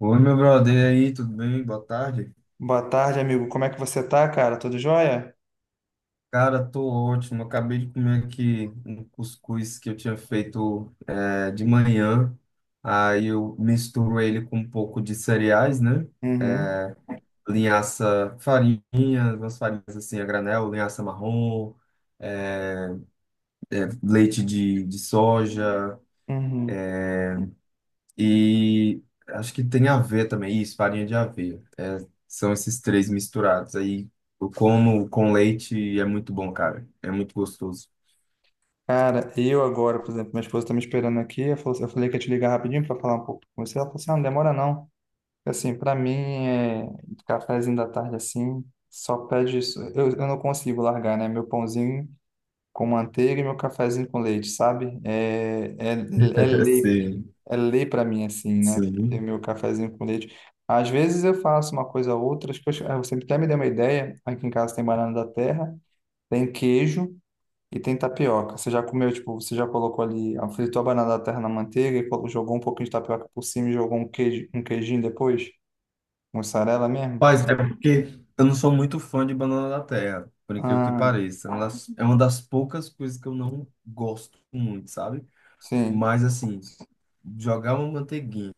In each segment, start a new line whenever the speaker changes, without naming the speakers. Oi, meu brother, e aí, tudo bem? Boa tarde.
Boa tarde, amigo. Como é que você tá, cara? Tudo jóia?
Cara, tô ótimo. Acabei de comer aqui um cuscuz que eu tinha feito de manhã. Aí eu misturo ele com um pouco de cereais, né?
Uhum,
Linhaça, farinha, umas farinhas assim a granel, linhaça marrom, leite de soja
uhum.
e acho que tem aveia também, isso, farinha de aveia. São esses três misturados. Aí eu como com leite e é muito bom, cara. É muito gostoso.
Cara, eu agora, por exemplo, minha esposa tá me esperando aqui. Eu falei que ia te ligar rapidinho pra falar um pouco com você. Ela falou assim: ah, não demora não. Assim, pra mim, é cafezinho da tarde assim, só pede isso. Eu não consigo largar, né? Meu pãozinho com manteiga e meu cafezinho com leite, sabe? É lei,
Sim.
é lei para mim, assim, né? Ter
Sim.
meu cafezinho com leite. Às vezes eu faço uma coisa ou outra, acho que você até me deu uma ideia. Aqui em casa tem banana da terra, tem queijo e tem tapioca. Você já comeu, tipo, você já colocou ali, ah, fritou a banana da terra na manteiga e jogou um pouquinho de tapioca por cima e jogou um queijo, um queijinho depois? Mussarela mesmo?
Mas é porque eu não sou muito fã de banana da terra, por incrível que
Ah,
pareça. É uma das poucas coisas que eu não gosto muito, sabe?
sim.
Mas assim, jogar uma manteiguinha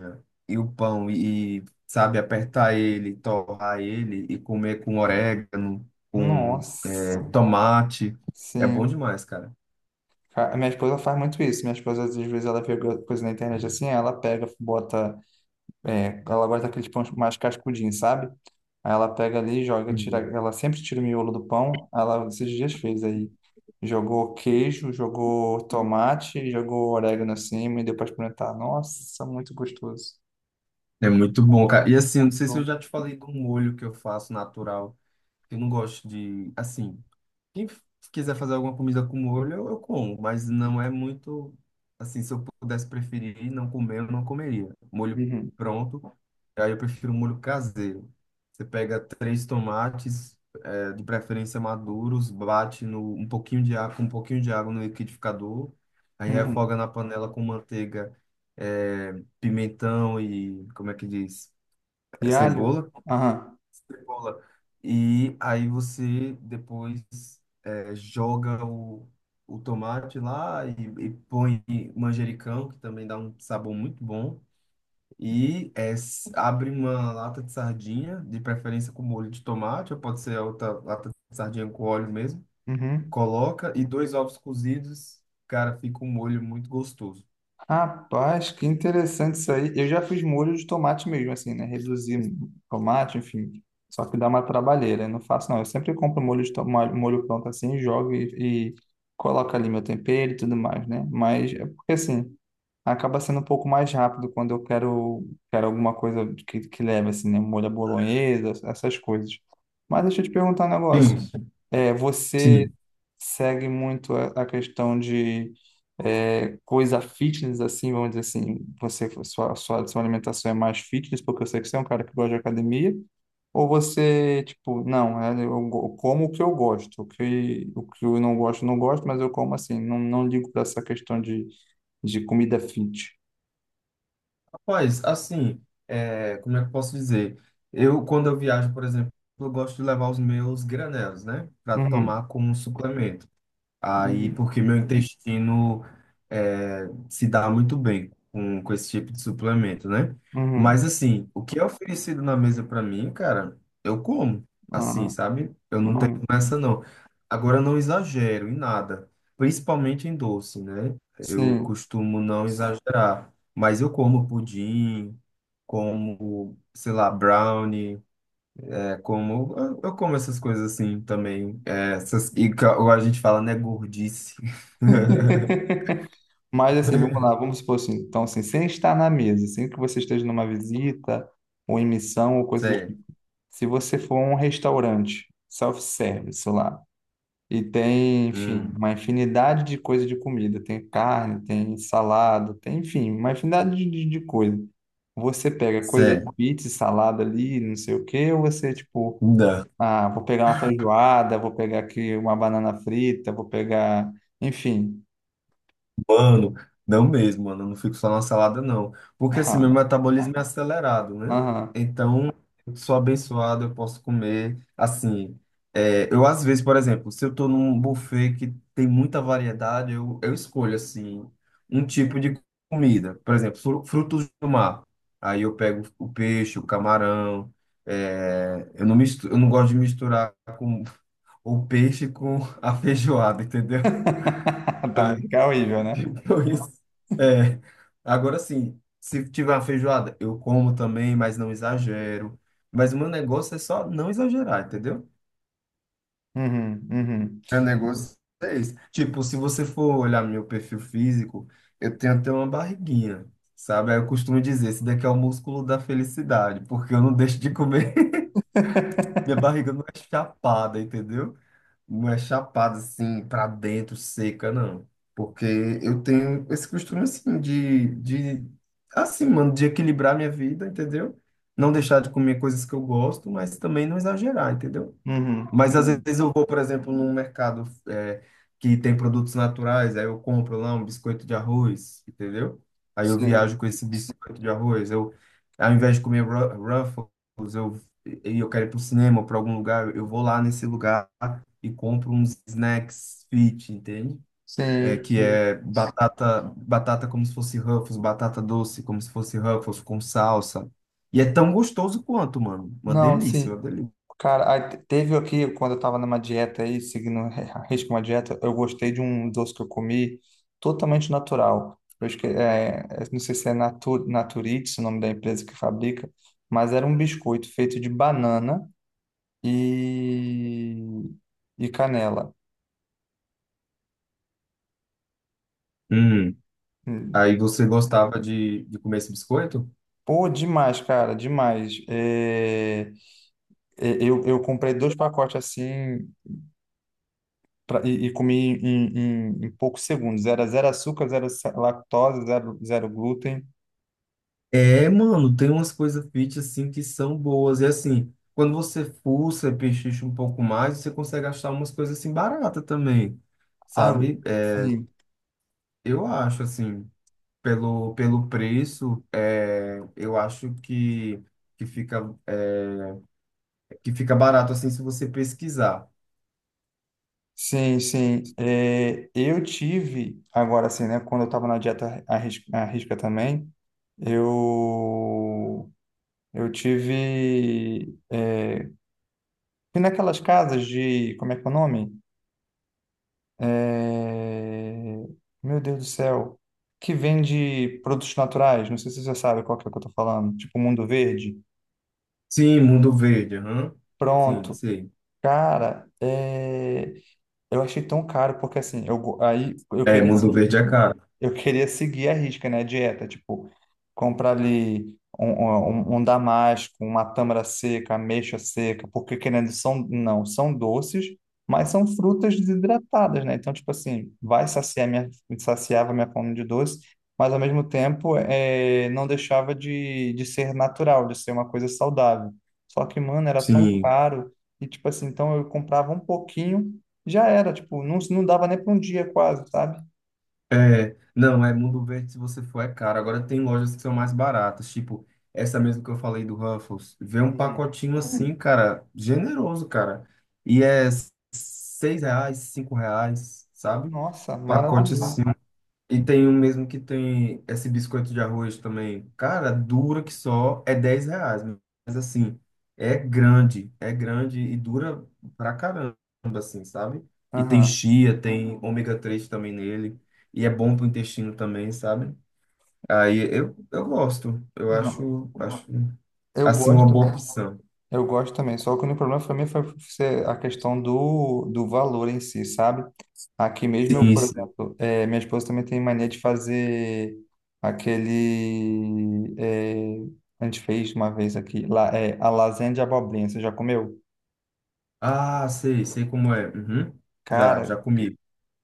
e o pão e, sabe, apertar ele, torrar ele e comer com orégano, com
Nossa,
tomate, é bom
sim.
demais, cara.
Minha esposa faz muito isso. Minha esposa, às vezes, ela vê alguma coisa na internet assim, ela pega, bota. É, ela gosta daqueles pães mais cascudinhos, sabe? Aí ela pega ali, joga, tira.
Hum.
Ela sempre tira o miolo do pão. Ela esses dias fez aí. Jogou queijo, jogou tomate, jogou orégano assim, e deu pra experimentar. Nossa, muito gostoso.
É
Ficou
muito bom, cara. E assim, eu não
muito
sei se eu
bom.
já te falei do molho que eu faço natural. Eu não gosto de, assim. Quem f- Quiser fazer alguma comida com molho, eu como, mas não é muito assim, se eu pudesse preferir não comer, eu não comeria. Molho
Uhum,
pronto, aí eu prefiro molho caseiro. Você pega três tomates, de preferência maduros, bate no, um pouquinho de água, com um pouquinho de água no liquidificador, aí
uhum.
refoga na panela com manteiga, pimentão e, como é que diz?
E alho?
Cebola.
Aham.
Cebola. E aí você depois joga o tomate lá e, põe manjericão, que também dá um sabor muito bom. E abre uma lata de sardinha, de preferência com molho de tomate, ou pode ser outra lata de sardinha com óleo mesmo.
Uhum.
Coloca e dois ovos cozidos, cara, fica um molho muito gostoso.
Rapaz, que interessante isso aí. Eu já fiz molho de tomate mesmo, assim, né? Reduzir tomate, enfim. Só que dá uma trabalheira. Eu Não faço, não. Eu sempre compro molho de tomate, molho pronto assim, jogo e coloco ali meu tempero e tudo mais, né? Mas é porque assim, acaba sendo um pouco mais rápido quando quero alguma coisa que leve, assim, né? Molho à bolonhesa, essas coisas. Mas deixa eu te perguntar um negócio.
Sim.
É, você
Sim.
segue muito a questão de é, coisa fitness, assim, vamos dizer assim, você, sua alimentação é mais fitness, porque eu sei que você é um cara que gosta de academia, ou você, tipo, não, é, como o que eu gosto, o que eu não gosto, não gosto, mas eu como assim, não, não ligo para essa questão de comida fit.
Rapaz, assim, como é que eu posso dizer? Eu, quando eu viajo, por exemplo, eu gosto de levar os meus granelos, né? Para
Uhum,
tomar como suplemento. Aí,
uhum,
porque meu intestino se dá muito bem com esse tipo de suplemento, né?
uhum,
Mas, assim, o que é oferecido na mesa pra mim, cara, eu como, assim,
ah,
sabe? Eu não tenho
uhum,
essa, não. Agora, eu não exagero em nada, principalmente em doce, né? Eu
sim.
costumo não exagerar, mas eu como pudim, como, sei lá, brownie. É como eu como essas coisas assim também. É, essas, ou a gente fala, né, gordice.
Mas assim, vamos lá, vamos supor assim, então assim, sem estar na mesa, sem que você esteja numa visita ou em missão ou coisa do
Cê,
tipo. Se você for a um restaurante self-service lá e tem, enfim,
hum,
uma infinidade de coisa de comida, tem carne, tem salada, tem, enfim, uma infinidade de, de coisa. Você pega coisa
cê,
de pizza, salada ali, não sei o quê, ou você tipo, ah, vou pegar uma feijoada, vou pegar aqui uma banana frita, vou pegar, enfim.
Mano, não mesmo, mano. Eu não fico só na salada, não. Porque assim, meu metabolismo é acelerado, né?
Aham.
Então, eu sou abençoado, eu posso comer. Assim, eu às vezes, por exemplo, se eu tô num buffet que tem muita variedade, eu escolho, assim, um tipo de comida. Por exemplo, frutos do mar. Aí eu pego o peixe, o camarão. Eu não gosto de misturar com o peixe com a feijoada, entendeu?
Também fica horrível, né?
Depois, é, agora sim, se tiver uma feijoada, eu como também, mas não exagero. Mas o meu negócio é só não exagerar, entendeu?
Uhum, uhum.
Meu negócio é esse. Tipo, se você for olhar meu perfil físico, eu tenho até uma barriguinha, sabe? Aí eu costumo dizer, esse daqui é o músculo da felicidade, porque eu não deixo de comer. Minha barriga não é chapada, entendeu? Uma chapada assim pra dentro, seca, não. Porque eu tenho esse costume assim de assim, mano, de equilibrar minha vida, entendeu? Não deixar de comer coisas que eu gosto, mas também não exagerar, entendeu?
Uhum,
Mas às
uhum.
vezes eu vou, por exemplo, num mercado que tem produtos naturais, aí eu compro lá um biscoito de arroz, entendeu? Aí eu
Sim,
viajo com esse biscoito de arroz. Eu, ao invés de comer Ruffles, e eu quero ir para o cinema, para algum lugar, eu vou lá nesse lugar e compro uns snacks fit, entende? É,
sim,
que
sim.
é batata, batata como se fosse Ruffles, batata doce como se fosse Ruffles com salsa. E é tão gostoso quanto, mano. Uma
Não,
delícia,
sim.
uma delícia.
Cara, aí teve aqui, quando eu tava numa dieta aí, seguindo a risco uma dieta, eu gostei de um doce que eu comi totalmente natural. É, eu não sei se é Natur, Naturix, o nome da empresa que fabrica, mas era um biscoito feito de banana e, e canela.
Hum.
Hum.
Aí você gostava de comer esse biscoito?
Pô, demais, cara, demais. É, eu comprei dois pacotes assim e comi em, em, em poucos segundos. Era zero açúcar, lactose, zero, zero glúten.
É, mano, tem umas coisas fit assim que são boas. E assim, quando você fuça, pechicha um pouco mais, você consegue achar umas coisas assim baratas também,
Ah,
sabe? É,
sim,
eu acho assim, pelo preço, eu acho que fica, que fica barato assim se você pesquisar.
sim, sim. É, eu tive, agora assim, né? Quando eu estava na dieta à risca também, eu, eu tive. É, fui naquelas casas de. Como é que é o nome? É, Meu Deus do céu. Que vende produtos naturais. Não sei se você sabe qual que é que eu tô falando. Tipo Mundo Verde.
Sim, Mundo Verde, aham. Sim,
Pronto.
sim.
Cara, é, eu achei tão caro, porque assim, aí
É, Mundo Verde é caro.
eu queria seguir a risca, né? A dieta, tipo, comprar ali um, um, um damasco, uma tâmara seca, ameixa seca, porque querendo, são, não, são doces, mas são frutas desidratadas, né? Então, tipo assim, saciava minha fome de doce, mas ao mesmo tempo é não deixava de ser natural, de ser uma coisa saudável. Só que, mano, era tão
Sim.
caro, e tipo assim, então eu comprava um pouquinho, já era, tipo, não, não dava nem para um dia quase, sabe?
É, não, é Mundo Verde, se você for, é caro. Agora tem lojas que são mais baratas, tipo essa mesmo que eu falei do Ruffles. Vê um
Uhum.
pacotinho assim, cara, generoso, cara. E é R$ 6, R$ 5, sabe?
Nossa,
Pacote.
maravilhoso.
Nossa. E tem um mesmo que tem esse biscoito de arroz também. Cara, dura que só, é R$ 10, mas assim, é grande e dura pra caramba, assim, sabe? E tem
Aham.
chia, tem ômega 3 também nele, e é bom pro intestino também, sabe? Aí eu gosto, eu
Não, eu
assim,
gosto
uma boa
também.
opção.
Eu gosto também. Só que o único problema para mim foi ser a questão do, do valor em si, sabe? Aqui mesmo eu,
Sim,
por
sim.
exemplo, minha esposa também tem mania de fazer aquele. A gente fez uma vez aqui, lá, é, a lasanha de abobrinha. Você já comeu?
Ah, sei, sei como é. Uhum. Já, já
Cara,
comi.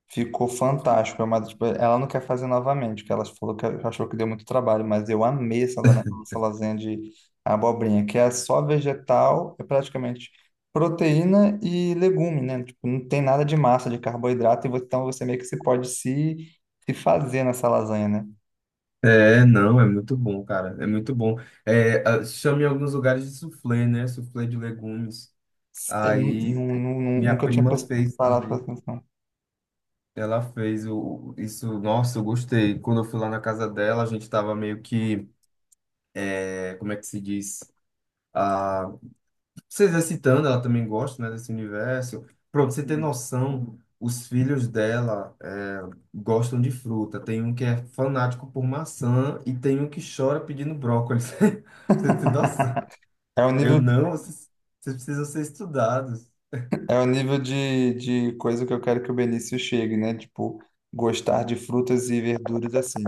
ficou fantástico, é tipo, ela não quer fazer novamente, porque ela falou que achou que deu muito trabalho, mas eu amei essa, essa lasanha de abobrinha, que é só vegetal, é praticamente proteína e legume, né? Tipo, não tem nada de massa, de carboidrato, e então você meio que se pode se, se fazer nessa lasanha, né?
É, não, é muito bom, cara. É muito bom. É, chama em alguns lugares de soufflé, né? Soufflé de legumes. Aí minha
Nunca tinha
prima fez
parado para
também.
atenção.
Ela fez o, isso. Nossa, eu gostei. Quando eu fui lá na casa dela, a gente tava meio que, como é que se diz? Ah, se exercitando, ela também gosta, né, desse universo. Pronto, você ter noção, os filhos dela gostam de fruta. Tem um que é fanático por maçã e tem um que chora pedindo brócolis. Você tem noção?
É o
Eu
nível
não, vocês precisam ser estudados.
É o nível de coisa que eu quero que o Benício chegue, né? Tipo, gostar de frutas e verduras assim.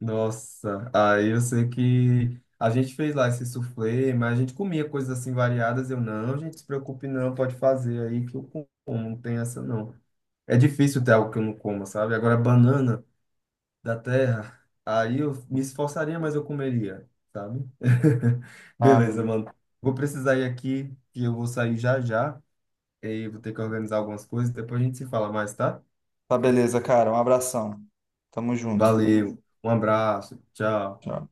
Nossa, aí eu sei que a gente fez lá esse soufflé, mas a gente comia coisas assim variadas. Eu não, gente, se preocupe não, pode fazer aí que eu como, não tem essa não. É difícil ter algo que eu não como, sabe? Agora, banana da terra, aí eu me esforçaria, mas eu comeria, sabe?
Ah,
Beleza,
amigo.
mano. Vou precisar ir aqui, que eu vou sair já já, e vou ter que organizar algumas coisas, depois a gente se fala mais, tá?
Tá beleza, cara. Um abração. Tamo junto.
Valeu, um abraço, tchau.
Tchau.